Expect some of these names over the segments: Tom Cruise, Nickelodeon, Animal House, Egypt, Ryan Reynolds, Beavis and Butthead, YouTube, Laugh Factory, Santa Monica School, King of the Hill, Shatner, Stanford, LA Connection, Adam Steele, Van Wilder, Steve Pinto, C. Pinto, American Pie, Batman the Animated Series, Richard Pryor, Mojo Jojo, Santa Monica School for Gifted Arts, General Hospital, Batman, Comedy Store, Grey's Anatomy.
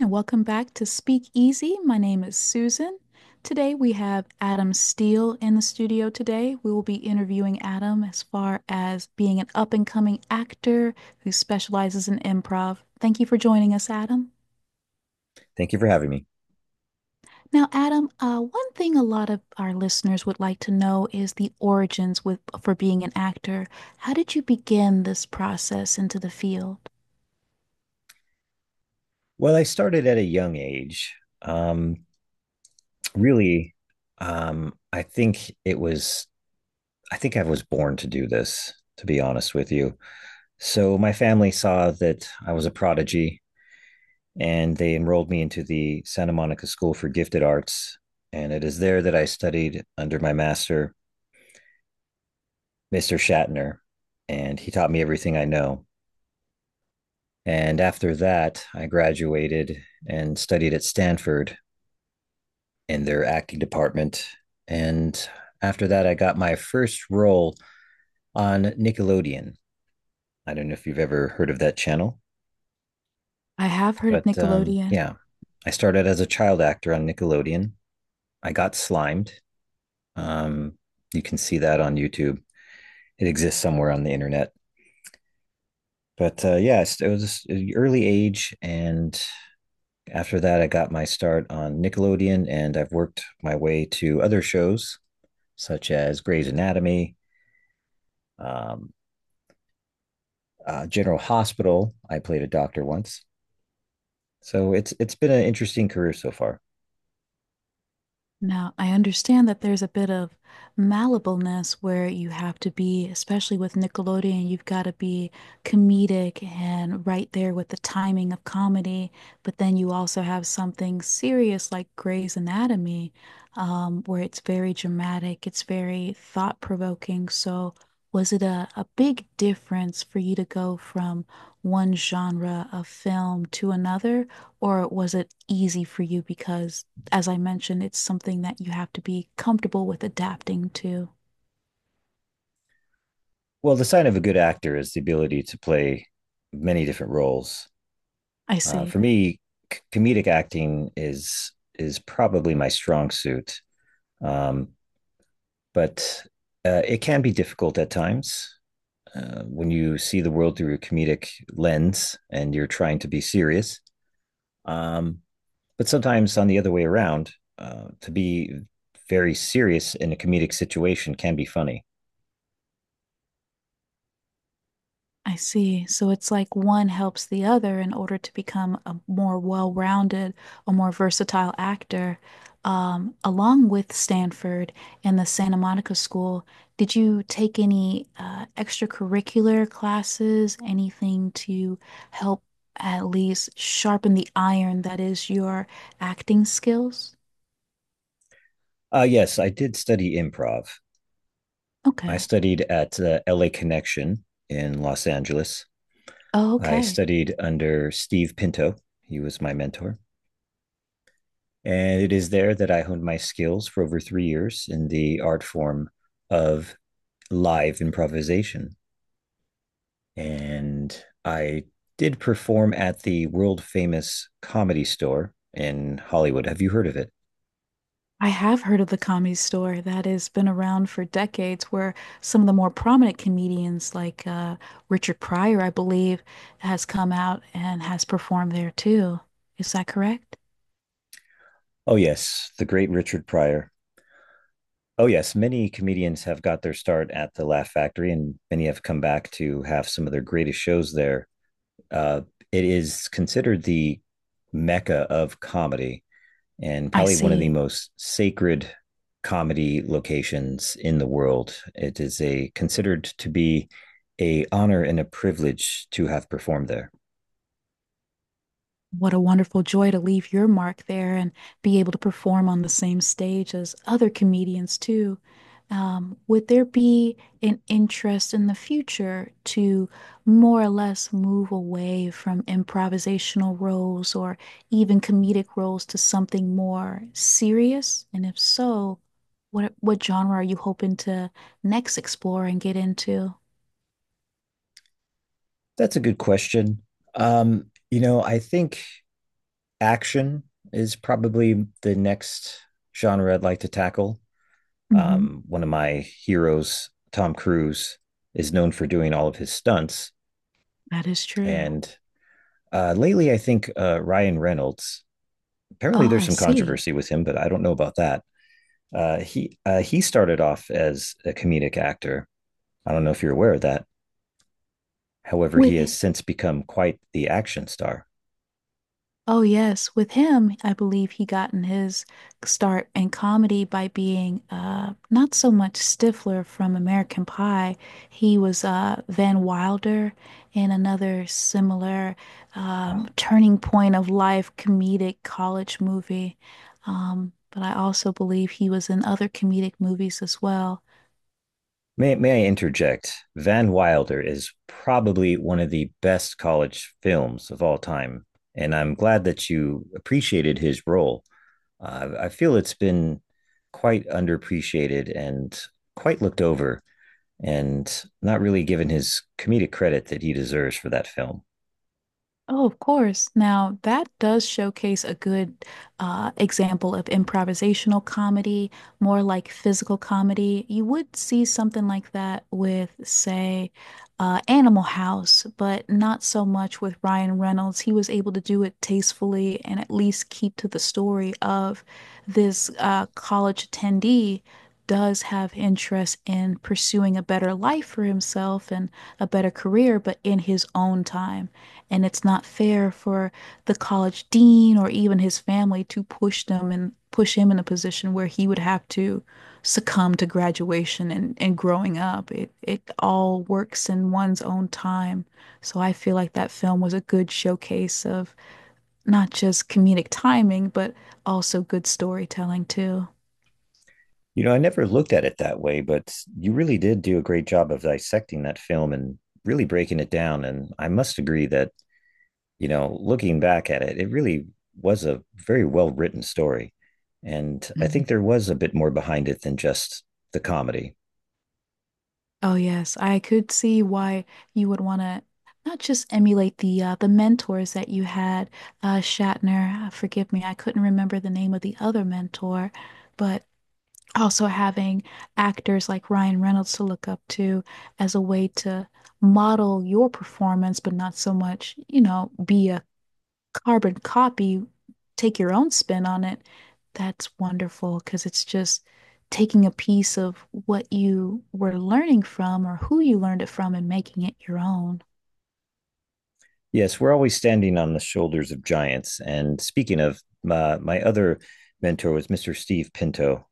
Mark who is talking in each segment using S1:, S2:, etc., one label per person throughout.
S1: And welcome back to Speak Easy. My name is Susan. Today we have Adam Steele in the studio today. We will be interviewing Adam as far as being an up and coming actor who specializes in improv. Thank you for joining us, Adam.
S2: Thank you for having me.
S1: Now, Adam, one thing a lot of our listeners would like to know is the origins with for being an actor. How did you begin this process into the field?
S2: Well, I started at a young age. Um, really, I think it was, I think I was born to do this, to be honest with you. So my family saw that I was a prodigy and they enrolled me into the Santa Monica School for Gifted Arts. And it is there that I studied under my master, Mr. Shatner, and he taught me everything I know. And after that, I graduated and studied at Stanford in their acting department. And after that, I got my first role on Nickelodeon. I don't know if you've ever heard of that channel,
S1: I have heard of
S2: but
S1: Nickelodeon.
S2: yeah, I started as a child actor on Nickelodeon. I got slimed. Um, you can see that on YouTube. It exists somewhere on the internet. But yeah, it was an early age, and after that, I got my start on Nickelodeon, and I've worked my way to other shows such as Grey's Anatomy, um, General Hospital. I played a doctor once, so it's been an interesting career so far.
S1: Now, I understand that there's a bit of malleableness where you have to be, especially with Nickelodeon, you've got to be comedic and right there with the timing of comedy. But then you also have something serious like Grey's Anatomy, where it's very dramatic, it's very thought-provoking. So, was it a big difference for you to go from one genre of film to another, or was it easy for you because as I mentioned, it's something that you have to be comfortable with adapting to.
S2: Well, the sign of a good actor is the ability to play many different roles.
S1: I
S2: For
S1: see.
S2: me, comedic acting is probably my strong suit, um, but it can be difficult at times when you see the world through a comedic lens and you're trying to be serious. Um, but sometimes on the other way around, to be very serious in a comedic situation can be funny.
S1: I see. So it's like one helps the other in order to become a more well-rounded, a more versatile actor. Along with Stanford and the Santa Monica School, did you take any extracurricular classes, anything to help at least sharpen the iron that is your acting skills?
S2: Yes, I did study improv. I
S1: Okay.
S2: studied at LA Connection in Los Angeles.
S1: Oh,
S2: I
S1: okay.
S2: studied under Steve Pinto, he was my mentor. And it is there that I honed my skills for over 3 years in the art form of live improvisation. And I did perform at the world famous comedy store in Hollywood. Have you heard of it?
S1: I have heard of the Comedy Store that has been around for decades, where some of the more prominent comedians, like Richard Pryor, I believe, has come out and has performed there too. Is that correct?
S2: Oh, yes, the great Richard Pryor. Oh, yes, many comedians have got their start at the Laugh Factory, and many have come back to have some of their greatest shows there. Uh, it is considered the mecca of comedy, and
S1: I
S2: probably one of the
S1: see.
S2: most sacred comedy locations in the world. It is a considered to be a honor and a privilege to have performed there.
S1: What a wonderful joy to leave your mark there and be able to perform on the same stage as other comedians too. Would there be an interest in the future to more or less move away from improvisational roles or even comedic roles to something more serious? And if so, what genre are you hoping to next explore and get into?
S2: That's a good question. Um, you know, I think action is probably the next genre I'd like to tackle.
S1: Mhm.
S2: One of my heroes, Tom Cruise, is known for doing all of his stunts.
S1: That is true.
S2: And lately, I think Ryan Reynolds apparently,
S1: Oh,
S2: there's
S1: I
S2: some
S1: see.
S2: controversy with him, but I don't know about that. He he started off as a comedic actor. I don't know if you're aware of that. However, he
S1: With
S2: has since become quite the action star.
S1: oh, yes. With him, I believe he gotten his start in comedy by being not so much Stifler from American Pie. He was Van Wilder in another similar turning point of life comedic college movie. But I also believe he was in other comedic movies as well.
S2: May I interject? Van Wilder is probably one of the best college films of all time. And I'm glad that you appreciated his role. I feel it's been quite underappreciated and quite looked over, and not really given his comedic credit that he deserves for that film.
S1: Oh, of course. Now, that does showcase a good example of improvisational comedy, more like physical comedy. You would see something like that with, say, Animal House, but not so much with Ryan Reynolds. He was able to do it tastefully and at least keep to the story of this college attendee does have interest in pursuing a better life for himself and a better career, but in his own time. And it's not fair for the college dean or even his family to push them and push him in a position where he would have to succumb to graduation and growing up. It all works in one's own time. So I feel like that film was a good showcase of not just comedic timing, but also good storytelling too.
S2: You know, I never looked at it that way, but you really did do a great job of dissecting that film and really breaking it down. And I must agree that, you know, looking back at it, it really was a very well written story. And I think there was a bit more behind it than just the comedy.
S1: Oh yes, I could see why you would want to not just emulate the the mentors that you had, Shatner. Forgive me, I couldn't remember the name of the other mentor, but also having actors like Ryan Reynolds to look up to as a way to model your performance, but not so much, you know, be a carbon copy, take your own spin on it, that's wonderful because it's just taking a piece of what you were learning from or who you learned it from and making it your own.
S2: Yes, we're always standing on the shoulders of giants. And speaking of, my other mentor was Mr. Steve Pinto,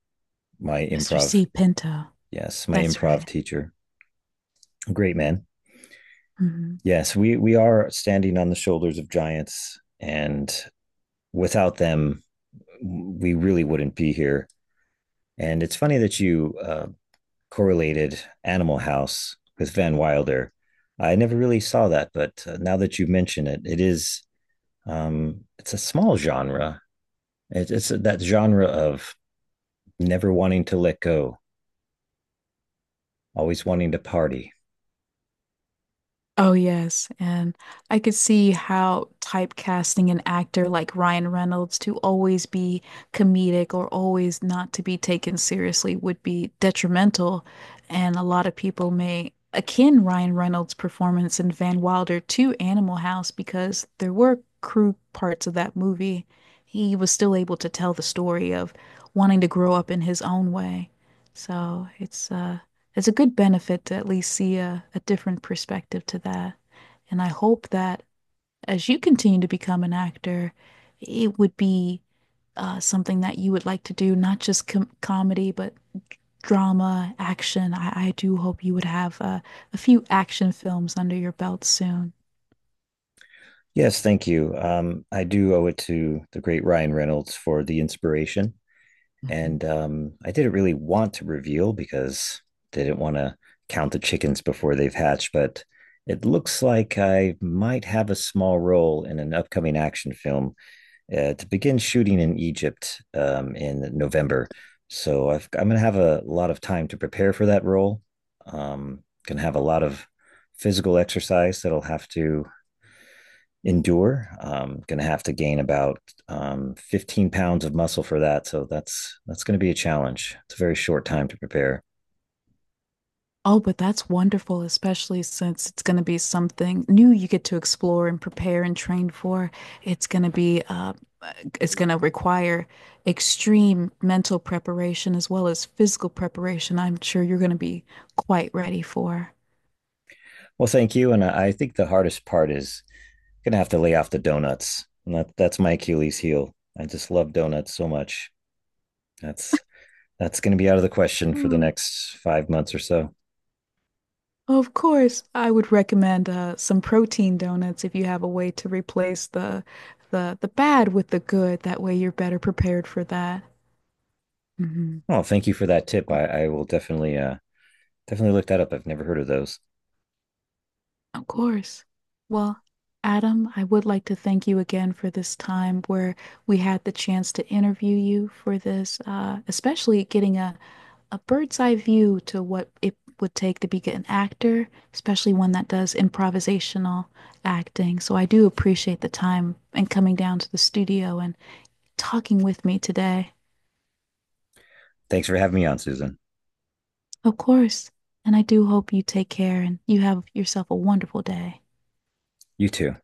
S2: my
S1: Mr.
S2: improv.
S1: C. Pinto.
S2: Yes, my
S1: That's
S2: improv
S1: right.
S2: teacher. Great man.
S1: Mhm.
S2: Yes, we are standing on the shoulders of giants, and without them we really wouldn't be here. And it's funny that you correlated Animal House with Van Wilder. I never really saw that, but now that you mention it, it is it's a small genre. It's that genre of never wanting to let go, always wanting to party.
S1: Oh, yes. And I could see how typecasting an actor like Ryan Reynolds to always be comedic or always not to be taken seriously would be detrimental. And a lot of people may akin Ryan Reynolds' performance in Van Wilder to Animal House because there were crude parts of that movie. He was still able to tell the story of wanting to grow up in his own way. So it's it's a good benefit to at least see a different perspective to that. And I hope that as you continue to become an actor, it would be something that you would like to do, not just comedy, but drama, action. I do hope you would have a few action films under your belt soon.
S2: Yes, thank you. I do owe it to the great Ryan Reynolds for the inspiration.
S1: Mhm.
S2: And I didn't really want to reveal because they didn't want to count the chickens before they've hatched, but it looks like I might have a small role in an upcoming action film to begin shooting in Egypt in November. I'm going to have a lot of time to prepare for that role. Going to have a lot of physical exercise that I'll have to endure. Going to have to gain about 15 lbs of muscle for that. So that's going to be a challenge. It's a very short time to prepare.
S1: Oh, but that's wonderful, especially since it's going to be something new you get to explore and prepare and train for. It's going to be it's going to require extreme mental preparation as well as physical preparation. I'm sure you're going to be quite ready for.
S2: Well, thank you. And I think the hardest part is going to have to lay off the donuts. And that's my Achilles heel. I just love donuts so much. That's that's going to be out of the question for the
S1: Hmm.
S2: next 5 months or so.
S1: Of course, I would recommend some protein donuts if you have a way to replace the bad with the good. That way you're better prepared for that. Hmm.
S2: Oh, thank you for that tip. I will definitely definitely look that up. I've never heard of those.
S1: Of course. Well, Adam, I would like to thank you again for this time where we had the chance to interview you for this, especially getting a bird's eye view to what it would take to be an actor, especially one that does improvisational acting. So I do appreciate the time and coming down to the studio and talking with me today.
S2: Thanks for having me on, Susan.
S1: Of course. And I do hope you take care and you have yourself a wonderful day.
S2: You too.